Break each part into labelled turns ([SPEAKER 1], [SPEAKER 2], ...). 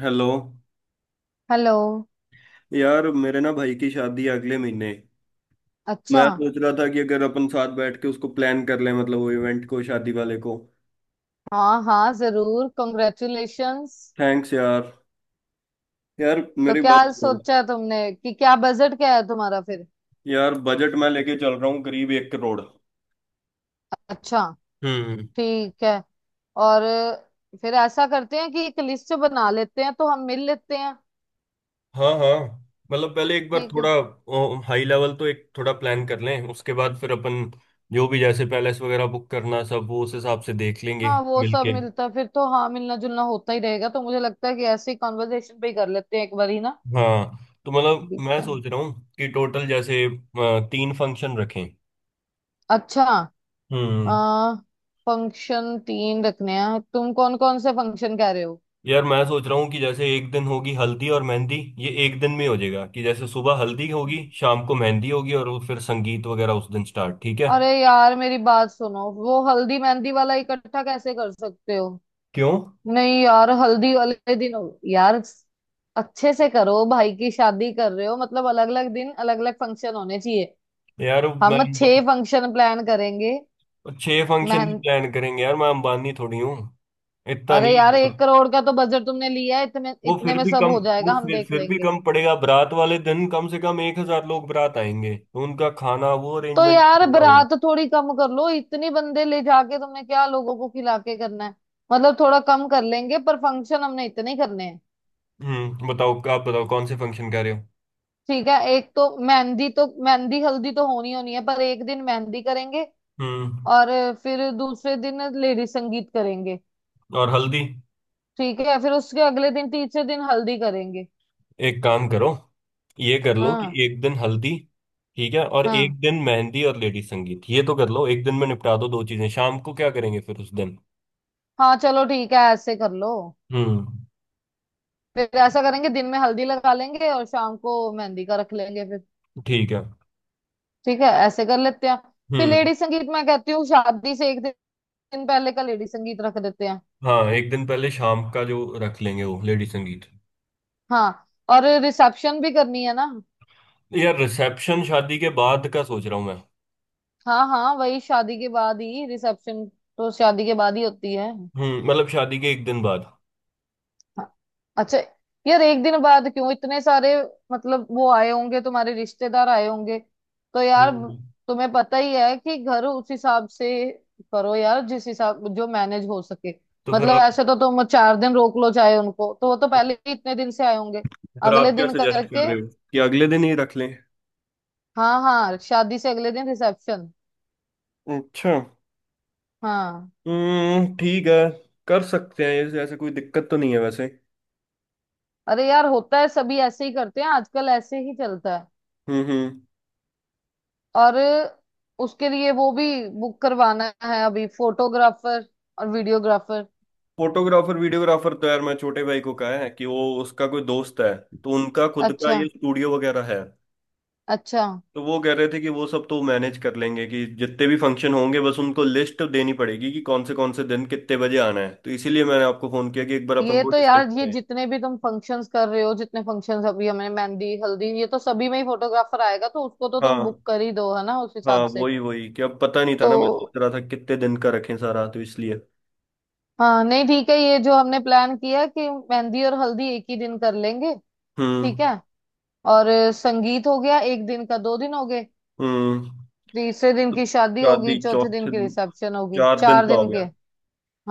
[SPEAKER 1] Hello
[SPEAKER 2] hello.
[SPEAKER 1] यार मेरे ना भाई की शादी है अगले महीने।
[SPEAKER 2] अच्छा।
[SPEAKER 1] मैं सोच रहा था कि अगर अपन साथ बैठ के उसको प्लान कर लें मतलब वो इवेंट को शादी वाले को।
[SPEAKER 2] हाँ हाँ, जरूर। कॉन्ग्रेचुलेशंस।
[SPEAKER 1] थैंक्स यार। यार
[SPEAKER 2] तो
[SPEAKER 1] मेरी
[SPEAKER 2] क्या
[SPEAKER 1] बात सुनो।
[SPEAKER 2] सोचा है तुमने कि क्या बजट क्या है तुम्हारा फिर।
[SPEAKER 1] यार बजट मैं लेके चल रहा हूँ करीब 1 करोड़।
[SPEAKER 2] अच्छा।
[SPEAKER 1] हम्म।
[SPEAKER 2] ठीक है। और फिर ऐसा करते हैं कि एक लिस्ट बना लेते हैं तो हम मिल लेते हैं।
[SPEAKER 1] हाँ हाँ। मतलब पहले एक बार
[SPEAKER 2] ठीक
[SPEAKER 1] थोड़ा
[SPEAKER 2] है।
[SPEAKER 1] हाई लेवल तो एक थोड़ा प्लान कर लें उसके बाद फिर अपन जो भी जैसे पैलेस वगैरह बुक करना सब वो उस हिसाब से देख लेंगे।
[SPEAKER 2] हाँ, वो सब
[SPEAKER 1] मिलके
[SPEAKER 2] मिलता फिर तो, हाँ मिलना जुलना होता ही रहेगा, तो मुझे लगता है कि ऐसे ही कॉन्वर्जेशन पे ही कर लेते हैं एक बार ही ना।
[SPEAKER 1] हाँ। तो मतलब मैं
[SPEAKER 2] देखते हैं।
[SPEAKER 1] सोच रहा हूँ कि टोटल जैसे तीन फंक्शन रखें।
[SPEAKER 2] अच्छा। आ
[SPEAKER 1] हम्म।
[SPEAKER 2] फंक्शन तीन रखने हैं, तुम कौन कौन से फंक्शन कह रहे हो?
[SPEAKER 1] यार मैं सोच रहा हूँ कि जैसे एक दिन होगी हल्दी और मेहंदी। ये एक दिन में हो जाएगा कि जैसे सुबह हल्दी होगी शाम को मेहंदी होगी और वो फिर संगीत वगैरह उस दिन स्टार्ट। ठीक है।
[SPEAKER 2] अरे यार, मेरी बात सुनो, वो हल्दी मेहंदी वाला इकट्ठा कैसे कर सकते हो?
[SPEAKER 1] क्यों?
[SPEAKER 2] नहीं यार, हल्दी वाले दिन यार अच्छे से करो, भाई की शादी कर रहे हो, मतलब अलग अलग दिन अलग अलग फंक्शन होने चाहिए।
[SPEAKER 1] यार मैं
[SPEAKER 2] हम छह फंक्शन प्लान करेंगे।
[SPEAKER 1] छह फंक्शन भी
[SPEAKER 2] मेहंदी।
[SPEAKER 1] प्लान करेंगे, यार मैं अंबानी थोड़ी हूँ। इतना
[SPEAKER 2] अरे
[SPEAKER 1] नहीं।
[SPEAKER 2] यार, 1 करोड़ का तो बजट तुमने लिया है, इतने
[SPEAKER 1] वो
[SPEAKER 2] इतने
[SPEAKER 1] फिर
[SPEAKER 2] में
[SPEAKER 1] भी
[SPEAKER 2] सब
[SPEAKER 1] कम।
[SPEAKER 2] हो जाएगा,
[SPEAKER 1] वो
[SPEAKER 2] हम
[SPEAKER 1] फिर
[SPEAKER 2] देख
[SPEAKER 1] फिर भी
[SPEAKER 2] लेंगे।
[SPEAKER 1] कम पड़ेगा, बारात वाले दिन कम से कम 1,000 लोग बारात आएंगे तो उनका खाना वो
[SPEAKER 2] तो
[SPEAKER 1] अरेंजमेंट
[SPEAKER 2] यार
[SPEAKER 1] करना होगा।
[SPEAKER 2] बारात थोड़ी कम कर लो, इतनी बंदे ले जाके तुमने क्या लोगों को खिला के करना है? मतलब थोड़ा कम कर लेंगे, पर फंक्शन हमने इतने ही करने हैं।
[SPEAKER 1] हम्म। बताओ आप बताओ कौन से फंक्शन कह रहे हो।
[SPEAKER 2] ठीक है, एक तो मेहंदी, तो मेहंदी हल्दी तो होनी होनी है, पर एक दिन मेहंदी करेंगे।
[SPEAKER 1] हम्म।
[SPEAKER 2] और फिर दूसरे दिन लेडी संगीत करेंगे।
[SPEAKER 1] और हल्दी।
[SPEAKER 2] ठीक है, फिर उसके अगले दिन तीसरे दिन हल्दी करेंगे।
[SPEAKER 1] एक काम करो। ये कर लो कि
[SPEAKER 2] हाँ
[SPEAKER 1] एक दिन हल्दी ठीक है, और
[SPEAKER 2] हाँ
[SPEAKER 1] एक दिन मेहंदी और लेडी संगीत, ये तो कर लो, एक दिन में निपटा दो दो चीजें। शाम को क्या करेंगे फिर उस दिन?
[SPEAKER 2] हाँ, चलो ठीक है, ऐसे कर लो।
[SPEAKER 1] हम्म
[SPEAKER 2] फिर ऐसा करेंगे, दिन में हल्दी लगा लेंगे और शाम को मेहंदी का रख लेंगे फिर।
[SPEAKER 1] ठीक है।
[SPEAKER 2] ठीक है, ऐसे कर लेते हैं। फिर
[SPEAKER 1] हम्म
[SPEAKER 2] लेडी संगीत मैं कहती हूँ शादी से एक दिन पहले का लेडी संगीत रख देते हैं।
[SPEAKER 1] हाँ। एक दिन पहले शाम का जो रख लेंगे वो लेडी संगीत।
[SPEAKER 2] हाँ, और रिसेप्शन भी करनी है ना?
[SPEAKER 1] यार रिसेप्शन शादी के बाद का सोच रहा हूँ मैं।
[SPEAKER 2] हाँ हाँ, वही शादी के बाद ही रिसेप्शन, तो शादी के बाद ही होती है।
[SPEAKER 1] हम्म, मतलब शादी के एक दिन बाद।
[SPEAKER 2] हाँ। अच्छा। यार एक दिन बाद क्यों, इतने सारे, मतलब वो आए होंगे, तुम्हारे रिश्तेदार आए होंगे, तो यार
[SPEAKER 1] हम्म।
[SPEAKER 2] तुम्हें पता ही है कि घर उस हिसाब से करो यार, जिस हिसाब जो मैनेज हो सके।
[SPEAKER 1] तो फिर
[SPEAKER 2] मतलब
[SPEAKER 1] आप,
[SPEAKER 2] ऐसे तो तुम 4 दिन रोक लो चाहे उनको, तो वो तो पहले ही इतने दिन से आए होंगे।
[SPEAKER 1] फिर आप
[SPEAKER 2] अगले
[SPEAKER 1] क्या
[SPEAKER 2] दिन
[SPEAKER 1] सजेस्ट कर
[SPEAKER 2] करके,
[SPEAKER 1] रहे हो कि अगले दिन ही रख लें?
[SPEAKER 2] हाँ हाँ शादी से अगले दिन रिसेप्शन।
[SPEAKER 1] अच्छा।
[SPEAKER 2] हाँ।
[SPEAKER 1] ठीक है। कर सकते हैं ऐसे, ऐसे कोई दिक्कत तो नहीं है वैसे।
[SPEAKER 2] अरे यार होता है, सभी ऐसे ही करते हैं, आजकल ऐसे ही चलता है।
[SPEAKER 1] हम्म।
[SPEAKER 2] और उसके लिए वो भी बुक करवाना है अभी, फोटोग्राफर और वीडियोग्राफर।
[SPEAKER 1] फोटोग्राफर वीडियोग्राफर तो यार मैं छोटे भाई को कहा है कि वो उसका कोई दोस्त है, तो उनका खुद का
[SPEAKER 2] अच्छा
[SPEAKER 1] ये स्टूडियो वगैरह है।
[SPEAKER 2] अच्छा।
[SPEAKER 1] तो वो कह रहे थे कि वो सब तो मैनेज कर लेंगे कि जितने भी फंक्शन होंगे बस उनको लिस्ट देनी पड़ेगी कि कौन से दिन कितने बजे आना है, तो इसीलिए मैंने आपको फोन किया कि एक बार अपन
[SPEAKER 2] ये
[SPEAKER 1] वो
[SPEAKER 2] तो
[SPEAKER 1] डिस्कस
[SPEAKER 2] यार, ये
[SPEAKER 1] करें।
[SPEAKER 2] जितने भी तुम फंक्शंस कर रहे हो, जितने फंक्शंस अभी हमें, मेहंदी हल्दी, ये तो सभी में ही फोटोग्राफर आएगा, तो उसको तो तुम
[SPEAKER 1] हाँ
[SPEAKER 2] बुक कर ही दो, है ना, उस
[SPEAKER 1] हाँ
[SPEAKER 2] हिसाब से।
[SPEAKER 1] वही वही कि अब पता नहीं था
[SPEAKER 2] तो
[SPEAKER 1] ना, मैं सोच रहा था कितने दिन का रखें सारा तो इसलिए।
[SPEAKER 2] हाँ, नहीं ठीक है, ये जो हमने प्लान किया कि मेहंदी और हल्दी एक ही दिन कर लेंगे।
[SPEAKER 1] हम्म
[SPEAKER 2] ठीक है। और संगीत हो गया एक दिन का, 2 दिन हो गए।
[SPEAKER 1] हम्म।
[SPEAKER 2] तीसरे दिन
[SPEAKER 1] तो
[SPEAKER 2] की शादी होगी,
[SPEAKER 1] शादी
[SPEAKER 2] चौथे दिन
[SPEAKER 1] चौथे
[SPEAKER 2] की
[SPEAKER 1] दिन-
[SPEAKER 2] रिसेप्शन होगी,
[SPEAKER 1] चार दिन
[SPEAKER 2] चार
[SPEAKER 1] का हो
[SPEAKER 2] दिन के।
[SPEAKER 1] गया।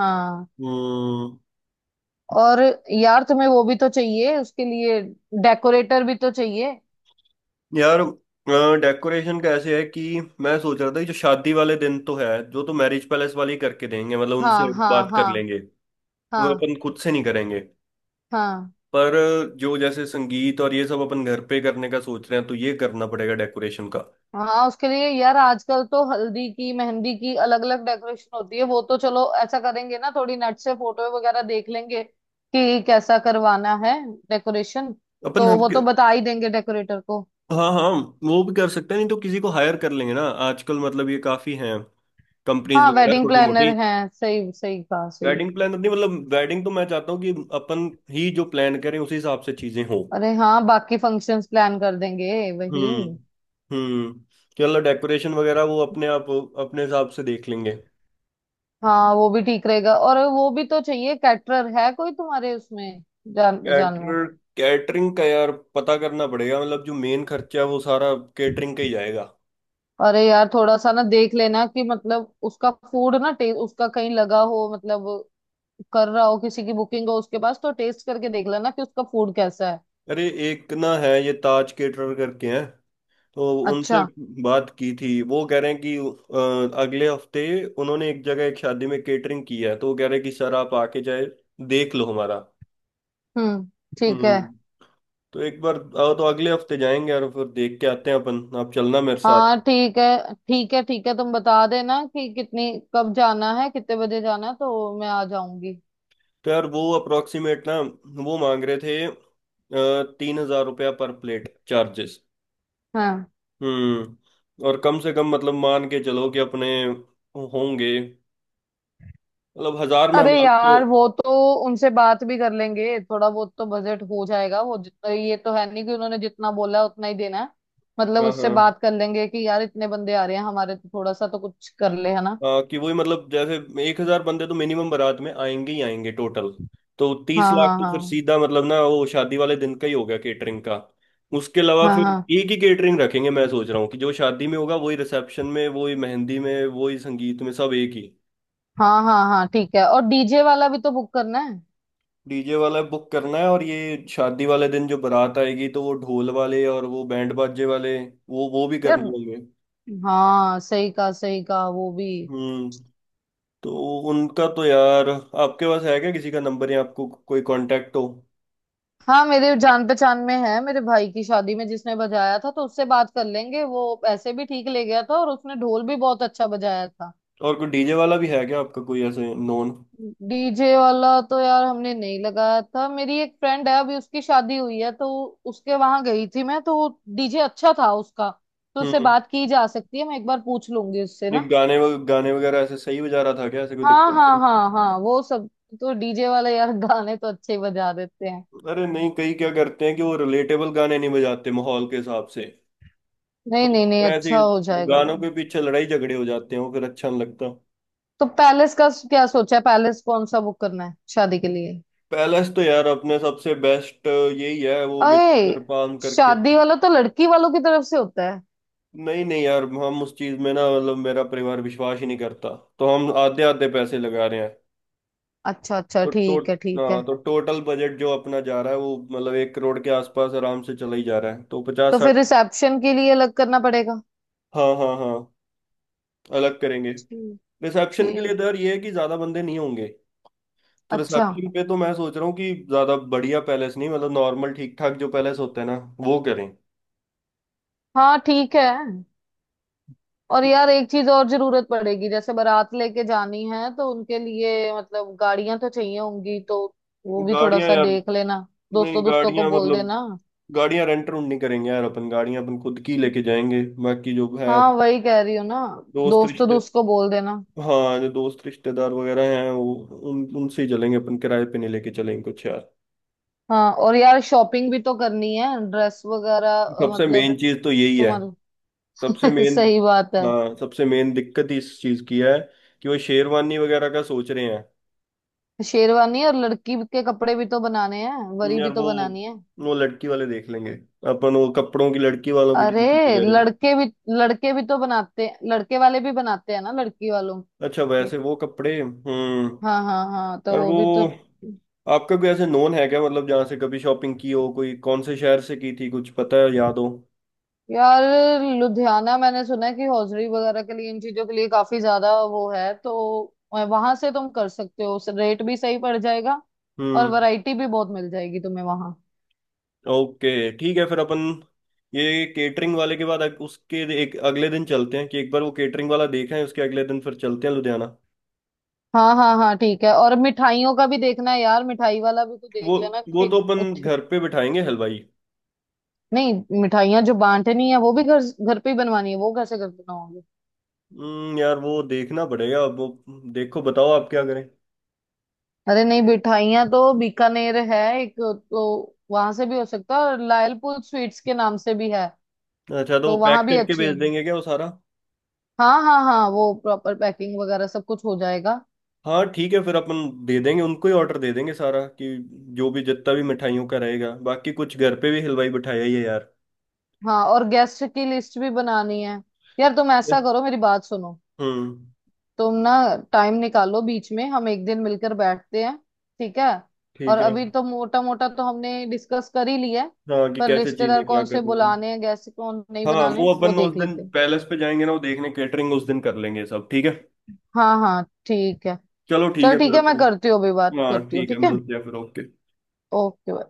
[SPEAKER 2] हाँ।
[SPEAKER 1] हम्म।
[SPEAKER 2] और यार तुम्हें वो भी तो चाहिए उसके लिए, डेकोरेटर भी तो चाहिए।
[SPEAKER 1] यार डेकोरेशन का ऐसे है कि मैं सोच रहा था कि जो शादी वाले दिन तो है जो तो मैरिज पैलेस वाले ही करके देंगे, मतलब
[SPEAKER 2] हाँ
[SPEAKER 1] उनसे
[SPEAKER 2] हाँ
[SPEAKER 1] बात कर
[SPEAKER 2] हाँ
[SPEAKER 1] लेंगे। वो
[SPEAKER 2] हाँ
[SPEAKER 1] अपन खुद से नहीं करेंगे।
[SPEAKER 2] हाँ
[SPEAKER 1] पर जो जैसे संगीत और ये सब अपन घर पे करने का सोच रहे हैं तो ये करना पड़ेगा डेकोरेशन का।
[SPEAKER 2] हाँ। उसके लिए यार, आजकल तो हल्दी की मेहंदी की अलग अलग डेकोरेशन होती है, वो तो चलो ऐसा करेंगे ना, थोड़ी नेट से फोटो वगैरह देख लेंगे कि कैसा करवाना है डेकोरेशन,
[SPEAKER 1] अपन
[SPEAKER 2] तो
[SPEAKER 1] हम।
[SPEAKER 2] वो तो बता ही देंगे डेकोरेटर को।
[SPEAKER 1] हाँ हाँ वो भी कर सकते हैं, नहीं तो किसी को हायर कर लेंगे ना। आजकल मतलब ये काफी हैं कंपनीज
[SPEAKER 2] हाँ,
[SPEAKER 1] वगैरह
[SPEAKER 2] वेडिंग
[SPEAKER 1] छोटी
[SPEAKER 2] प्लानर
[SPEAKER 1] मोटी।
[SPEAKER 2] हैं, सही सही कहा, सही।
[SPEAKER 1] वेडिंग प्लानर नहीं, मतलब वेडिंग तो मैं चाहता हूँ कि अपन ही जो प्लान करें उसी हिसाब से चीजें हों।
[SPEAKER 2] अरे हाँ, बाकी फंक्शंस प्लान कर देंगे वही।
[SPEAKER 1] हम्म हम्म। चलो डेकोरेशन वगैरह वो अपने आप अपने हिसाब से देख लेंगे।
[SPEAKER 2] हाँ वो भी ठीक रहेगा, और वो भी तो चाहिए, कैटरर है कोई तुम्हारे उसमें जान जान में?
[SPEAKER 1] कैटर कैटरिंग का यार पता करना पड़ेगा, मतलब जो मेन खर्चा है वो सारा कैटरिंग का ही जाएगा।
[SPEAKER 2] अरे यार, थोड़ा सा ना देख लेना कि, मतलब उसका फूड ना टेस्ट, उसका कहीं लगा हो, मतलब कर रहा हो, किसी की बुकिंग हो उसके पास, तो टेस्ट करके देख लेना कि उसका फूड कैसा है।
[SPEAKER 1] अरे एक ना है ये ताज केटरर करके हैं, तो उनसे
[SPEAKER 2] अच्छा।
[SPEAKER 1] बात की थी, वो कह रहे हैं कि अगले हफ्ते उन्होंने एक जगह एक शादी में केटरिंग की है, तो वो कह रहे हैं कि सर आप आके जाए देख लो हमारा।
[SPEAKER 2] हम्म, ठीक है।
[SPEAKER 1] हम्म। तो एक बार आओ तो अगले हफ्ते जाएंगे और फिर देख के आते हैं अपन, आप चलना मेरे साथ।
[SPEAKER 2] हाँ ठीक है ठीक है ठीक है, तुम बता देना कि कितनी, कब जाना है, कितने बजे जाना है, तो मैं आ जाऊंगी।
[SPEAKER 1] तो यार वो अप्रोक्सीमेट ना वो मांग रहे थे 3,000 रुपया पर प्लेट चार्जेस।
[SPEAKER 2] हाँ।
[SPEAKER 1] और कम से कम मतलब मान के चलो कि अपने होंगे, मतलब हजार
[SPEAKER 2] अरे
[SPEAKER 1] मेहमान तो।
[SPEAKER 2] यार, वो तो उनसे बात भी कर लेंगे, थोड़ा बहुत तो बजट हो जाएगा वो जितना, ये तो है नहीं कि उन्होंने जितना बोला है उतना ही देना है। मतलब
[SPEAKER 1] हाँ
[SPEAKER 2] उससे
[SPEAKER 1] हाँ
[SPEAKER 2] बात कर लेंगे कि यार इतने बंदे आ रहे हैं हमारे, तो थोड़ा सा तो कुछ कर ले, है ना?
[SPEAKER 1] हाँ, कि वही मतलब जैसे 1,000 बंदे तो मिनिमम बारात में आएंगे ही आएंगे टोटल। तो
[SPEAKER 2] हाँ
[SPEAKER 1] 30 लाख
[SPEAKER 2] हाँ
[SPEAKER 1] तो फिर
[SPEAKER 2] हाँ
[SPEAKER 1] सीधा मतलब ना वो शादी वाले दिन का ही हो गया केटरिंग का। उसके अलावा
[SPEAKER 2] हाँ
[SPEAKER 1] फिर
[SPEAKER 2] हाँ
[SPEAKER 1] एक ही केटरिंग रखेंगे, मैं सोच रहा हूँ कि जो शादी में होगा वही रिसेप्शन में वही मेहंदी में वही संगीत में, सब एक ही।
[SPEAKER 2] हाँ हाँ हाँ, ठीक है, और डीजे वाला भी तो बुक करना है।
[SPEAKER 1] डीजे वाला बुक करना है और ये शादी वाले दिन जो बारात आएगी तो वो ढोल वाले और वो बैंड बाजे वाले, वो भी
[SPEAKER 2] यार
[SPEAKER 1] करने होंगे।
[SPEAKER 2] हाँ, सही कहा सही कहा, वो भी।
[SPEAKER 1] हम्म। तो उनका तो यार आपके पास है क्या किसी का नंबर, या आपको कोई कांटेक्ट हो?
[SPEAKER 2] हाँ, मेरे जान पहचान में है, मेरे भाई की शादी में जिसने बजाया था, तो उससे बात कर लेंगे, वो ऐसे भी ठीक ले गया था और उसने ढोल भी बहुत अच्छा बजाया था।
[SPEAKER 1] और कोई डीजे वाला भी है क्या आपका, कोई ऐसे नोन?
[SPEAKER 2] डीजे वाला तो यार हमने नहीं लगाया था, मेरी एक फ्रेंड है, अभी उसकी शादी हुई है, तो उसके वहां गई थी मैं, तो डीजे अच्छा था उसका, तो उससे
[SPEAKER 1] हम्म।
[SPEAKER 2] बात की जा सकती है, मैं एक बार पूछ लूंगी उससे
[SPEAKER 1] नहीं
[SPEAKER 2] ना।
[SPEAKER 1] गाने वगैरह ऐसे सही बजा रहा था क्या, ऐसे कोई दिक्कत
[SPEAKER 2] हाँ हाँ
[SPEAKER 1] नहीं?
[SPEAKER 2] हाँ हाँ, वो सब, तो डीजे वाले यार गाने तो अच्छे ही बजा देते हैं।
[SPEAKER 1] अरे नहीं कई क्या करते हैं कि वो रिलेटेबल गाने नहीं बजाते माहौल के हिसाब से।
[SPEAKER 2] नहीं
[SPEAKER 1] तो
[SPEAKER 2] नहीं नहीं,
[SPEAKER 1] फिर ऐसे
[SPEAKER 2] अच्छा हो
[SPEAKER 1] ही
[SPEAKER 2] जाएगा वो।
[SPEAKER 1] गानों के पीछे लड़ाई झगड़े हो जाते हैं, वो फिर अच्छा नहीं लगता।
[SPEAKER 2] तो पैलेस का क्या सोचा है, पैलेस कौन सा बुक करना है शादी के लिए?
[SPEAKER 1] पैलेस तो यार अपने सबसे बेस्ट यही है वो विनिगर
[SPEAKER 2] अरे,
[SPEAKER 1] पाम करके।
[SPEAKER 2] शादी वाला तो लड़की वालों की तरफ से होता है।
[SPEAKER 1] नहीं नहीं यार, हम उस चीज में ना मतलब मेरा परिवार विश्वास ही नहीं करता, तो हम आधे आधे पैसे लगा रहे हैं।
[SPEAKER 2] अच्छा अच्छा,
[SPEAKER 1] तो टो
[SPEAKER 2] ठीक है ठीक है।
[SPEAKER 1] हाँ तो टोटल बजट जो अपना जा रहा है वो मतलब 1 करोड़ के आसपास आराम से चला ही जा रहा है, तो
[SPEAKER 2] तो
[SPEAKER 1] पचास साठ।
[SPEAKER 2] फिर रिसेप्शन के लिए अलग करना पड़ेगा।
[SPEAKER 1] हाँ हाँ हाँ, अलग करेंगे।
[SPEAKER 2] जी।
[SPEAKER 1] रिसेप्शन के लिए तो
[SPEAKER 2] ठीक।
[SPEAKER 1] यार ये है कि ज्यादा बंदे नहीं होंगे। तो
[SPEAKER 2] अच्छा।
[SPEAKER 1] रिसेप्शन पे तो मैं सोच रहा हूँ कि ज्यादा बढ़िया पैलेस नहीं, मतलब नॉर्मल ठीक ठाक जो पैलेस होते हैं ना वो करें।
[SPEAKER 2] हाँ ठीक है। और यार एक चीज और जरूरत पड़ेगी, जैसे बारात लेके जानी है, तो उनके लिए मतलब गाड़ियां तो चाहिए होंगी, तो वो भी थोड़ा
[SPEAKER 1] गाड़ियां
[SPEAKER 2] सा
[SPEAKER 1] यार,
[SPEAKER 2] देख लेना। दोस्तों
[SPEAKER 1] नहीं
[SPEAKER 2] दोस्तों को
[SPEAKER 1] गाड़ियां
[SPEAKER 2] बोल
[SPEAKER 1] मतलब
[SPEAKER 2] देना।
[SPEAKER 1] गाड़ियां रेंट रूंट नहीं करेंगे यार, अपन गाड़ियां अपन खुद की लेके जाएंगे। बाकी जो है
[SPEAKER 2] हाँ वही कह रही हूँ ना।
[SPEAKER 1] दोस्त
[SPEAKER 2] दोस्तों
[SPEAKER 1] रिश्ते।
[SPEAKER 2] दोस्त को बोल देना।
[SPEAKER 1] हाँ जो दोस्त रिश्तेदार वगैरह हैं वो उन उनसे ही चलेंगे, अपन किराए पे नहीं लेके चलेंगे कुछ यार।
[SPEAKER 2] हाँ और यार, शॉपिंग भी तो करनी है, ड्रेस वगैरह,
[SPEAKER 1] सबसे
[SPEAKER 2] मतलब
[SPEAKER 1] मेन चीज तो यही है,
[SPEAKER 2] तुम्हारी।
[SPEAKER 1] सबसे मेन।
[SPEAKER 2] सही बात है।
[SPEAKER 1] हाँ सबसे मेन दिक्कत ही इस चीज की है कि वो शेरवानी वगैरह का सोच रहे हैं।
[SPEAKER 2] शेरवानी और लड़की के कपड़े भी तो बनाने हैं, वरी भी
[SPEAKER 1] यार वो
[SPEAKER 2] तो बनानी है।
[SPEAKER 1] वो लड़की वाले देख लेंगे। अपन वो कपड़ों की लड़की वालों की
[SPEAKER 2] अरे
[SPEAKER 1] टेंशन ले रहे हैं।
[SPEAKER 2] लड़के भी, लड़के भी तो बनाते हैं, लड़के वाले भी बनाते हैं ना लड़की वालों
[SPEAKER 1] अच्छा
[SPEAKER 2] के।
[SPEAKER 1] वैसे वो कपड़े। हम्म।
[SPEAKER 2] हाँ हाँ हाँ तो
[SPEAKER 1] और
[SPEAKER 2] वो
[SPEAKER 1] वो
[SPEAKER 2] भी तो।
[SPEAKER 1] आपका कोई ऐसे नोन है क्या, मतलब जहाँ से कभी शॉपिंग की हो, कोई कौन से शहर से की थी कुछ पता है याद हो?
[SPEAKER 2] यार लुधियाना, मैंने सुना है कि हौजरी वगैरह के लिए, इन चीजों के लिए काफी ज्यादा वो है, तो वहां से तुम कर सकते हो, रेट भी सही पड़ जाएगा और
[SPEAKER 1] हम्म
[SPEAKER 2] वैरायटी भी बहुत मिल जाएगी तुम्हें वहां।
[SPEAKER 1] ओके ठीक है, फिर अपन ये केटरिंग वाले के बाद उसके एक अगले दिन चलते हैं कि एक बार वो केटरिंग वाला देखा है उसके अगले दिन फिर चलते हैं लुधियाना।
[SPEAKER 2] हाँ हाँ हाँ ठीक है, और मिठाइयों का भी देखना है यार, मिठाई वाला भी कुछ देख
[SPEAKER 1] वो
[SPEAKER 2] लेना
[SPEAKER 1] वो
[SPEAKER 2] कि,
[SPEAKER 1] तो अपन
[SPEAKER 2] कुछ
[SPEAKER 1] घर पे बिठाएंगे हलवाई।
[SPEAKER 2] नहीं। मिठाइयाँ जो बांटनी है वो भी घर घर पे ही बनवानी है, वो कैसे कर देना।
[SPEAKER 1] यार वो देखना पड़ेगा अब, वो देखो बताओ आप क्या करें।
[SPEAKER 2] अरे नहीं, मिठाइयाँ तो बीकानेर है एक, तो वहां से भी हो सकता है, और लायलपुर स्वीट्स के नाम से भी है,
[SPEAKER 1] अच्छा तो वो
[SPEAKER 2] तो
[SPEAKER 1] पैक
[SPEAKER 2] वहां भी
[SPEAKER 1] करके
[SPEAKER 2] अच्छे
[SPEAKER 1] भेज
[SPEAKER 2] हैं।
[SPEAKER 1] देंगे क्या वो सारा?
[SPEAKER 2] हाँ हाँ हाँ, वो प्रॉपर पैकिंग वगैरह सब कुछ हो जाएगा।
[SPEAKER 1] हाँ ठीक है, फिर अपन दे देंगे उनको ही ऑर्डर दे देंगे सारा, कि जो भी जितना भी मिठाइयों का रहेगा, बाकी कुछ घर पे भी हलवाई बिठाया ही है यार।
[SPEAKER 2] हाँ, और गेस्ट की लिस्ट भी बनानी है, यार तुम ऐसा करो, मेरी बात सुनो,
[SPEAKER 1] हम्म
[SPEAKER 2] तुम ना टाइम निकालो बीच में, हम एक दिन मिलकर बैठते हैं। ठीक है। और
[SPEAKER 1] ठीक है।
[SPEAKER 2] अभी तो मोटा मोटा तो हमने डिस्कस कर ही लिया है,
[SPEAKER 1] हाँ कि
[SPEAKER 2] पर
[SPEAKER 1] कैसे चीज है,
[SPEAKER 2] रिश्तेदार
[SPEAKER 1] क्या
[SPEAKER 2] कौन से
[SPEAKER 1] करनी है।
[SPEAKER 2] बुलाने हैं, गेस्ट कौन नहीं
[SPEAKER 1] हाँ वो
[SPEAKER 2] बनाने, वो
[SPEAKER 1] अपन उस
[SPEAKER 2] देख
[SPEAKER 1] दिन
[SPEAKER 2] लेते हैं।
[SPEAKER 1] पैलेस पे जाएंगे ना वो देखने, कैटरिंग उस दिन कर लेंगे सब ठीक है।
[SPEAKER 2] हाँ हाँ ठीक है।
[SPEAKER 1] चलो ठीक
[SPEAKER 2] चल
[SPEAKER 1] है
[SPEAKER 2] ठीक
[SPEAKER 1] फिर
[SPEAKER 2] है, मैं
[SPEAKER 1] अपन।
[SPEAKER 2] करती हूँ अभी, बात
[SPEAKER 1] हाँ
[SPEAKER 2] करती हूँ,
[SPEAKER 1] ठीक है,
[SPEAKER 2] ठीक है।
[SPEAKER 1] मिलते हैं फिर, ओके।
[SPEAKER 2] ओके।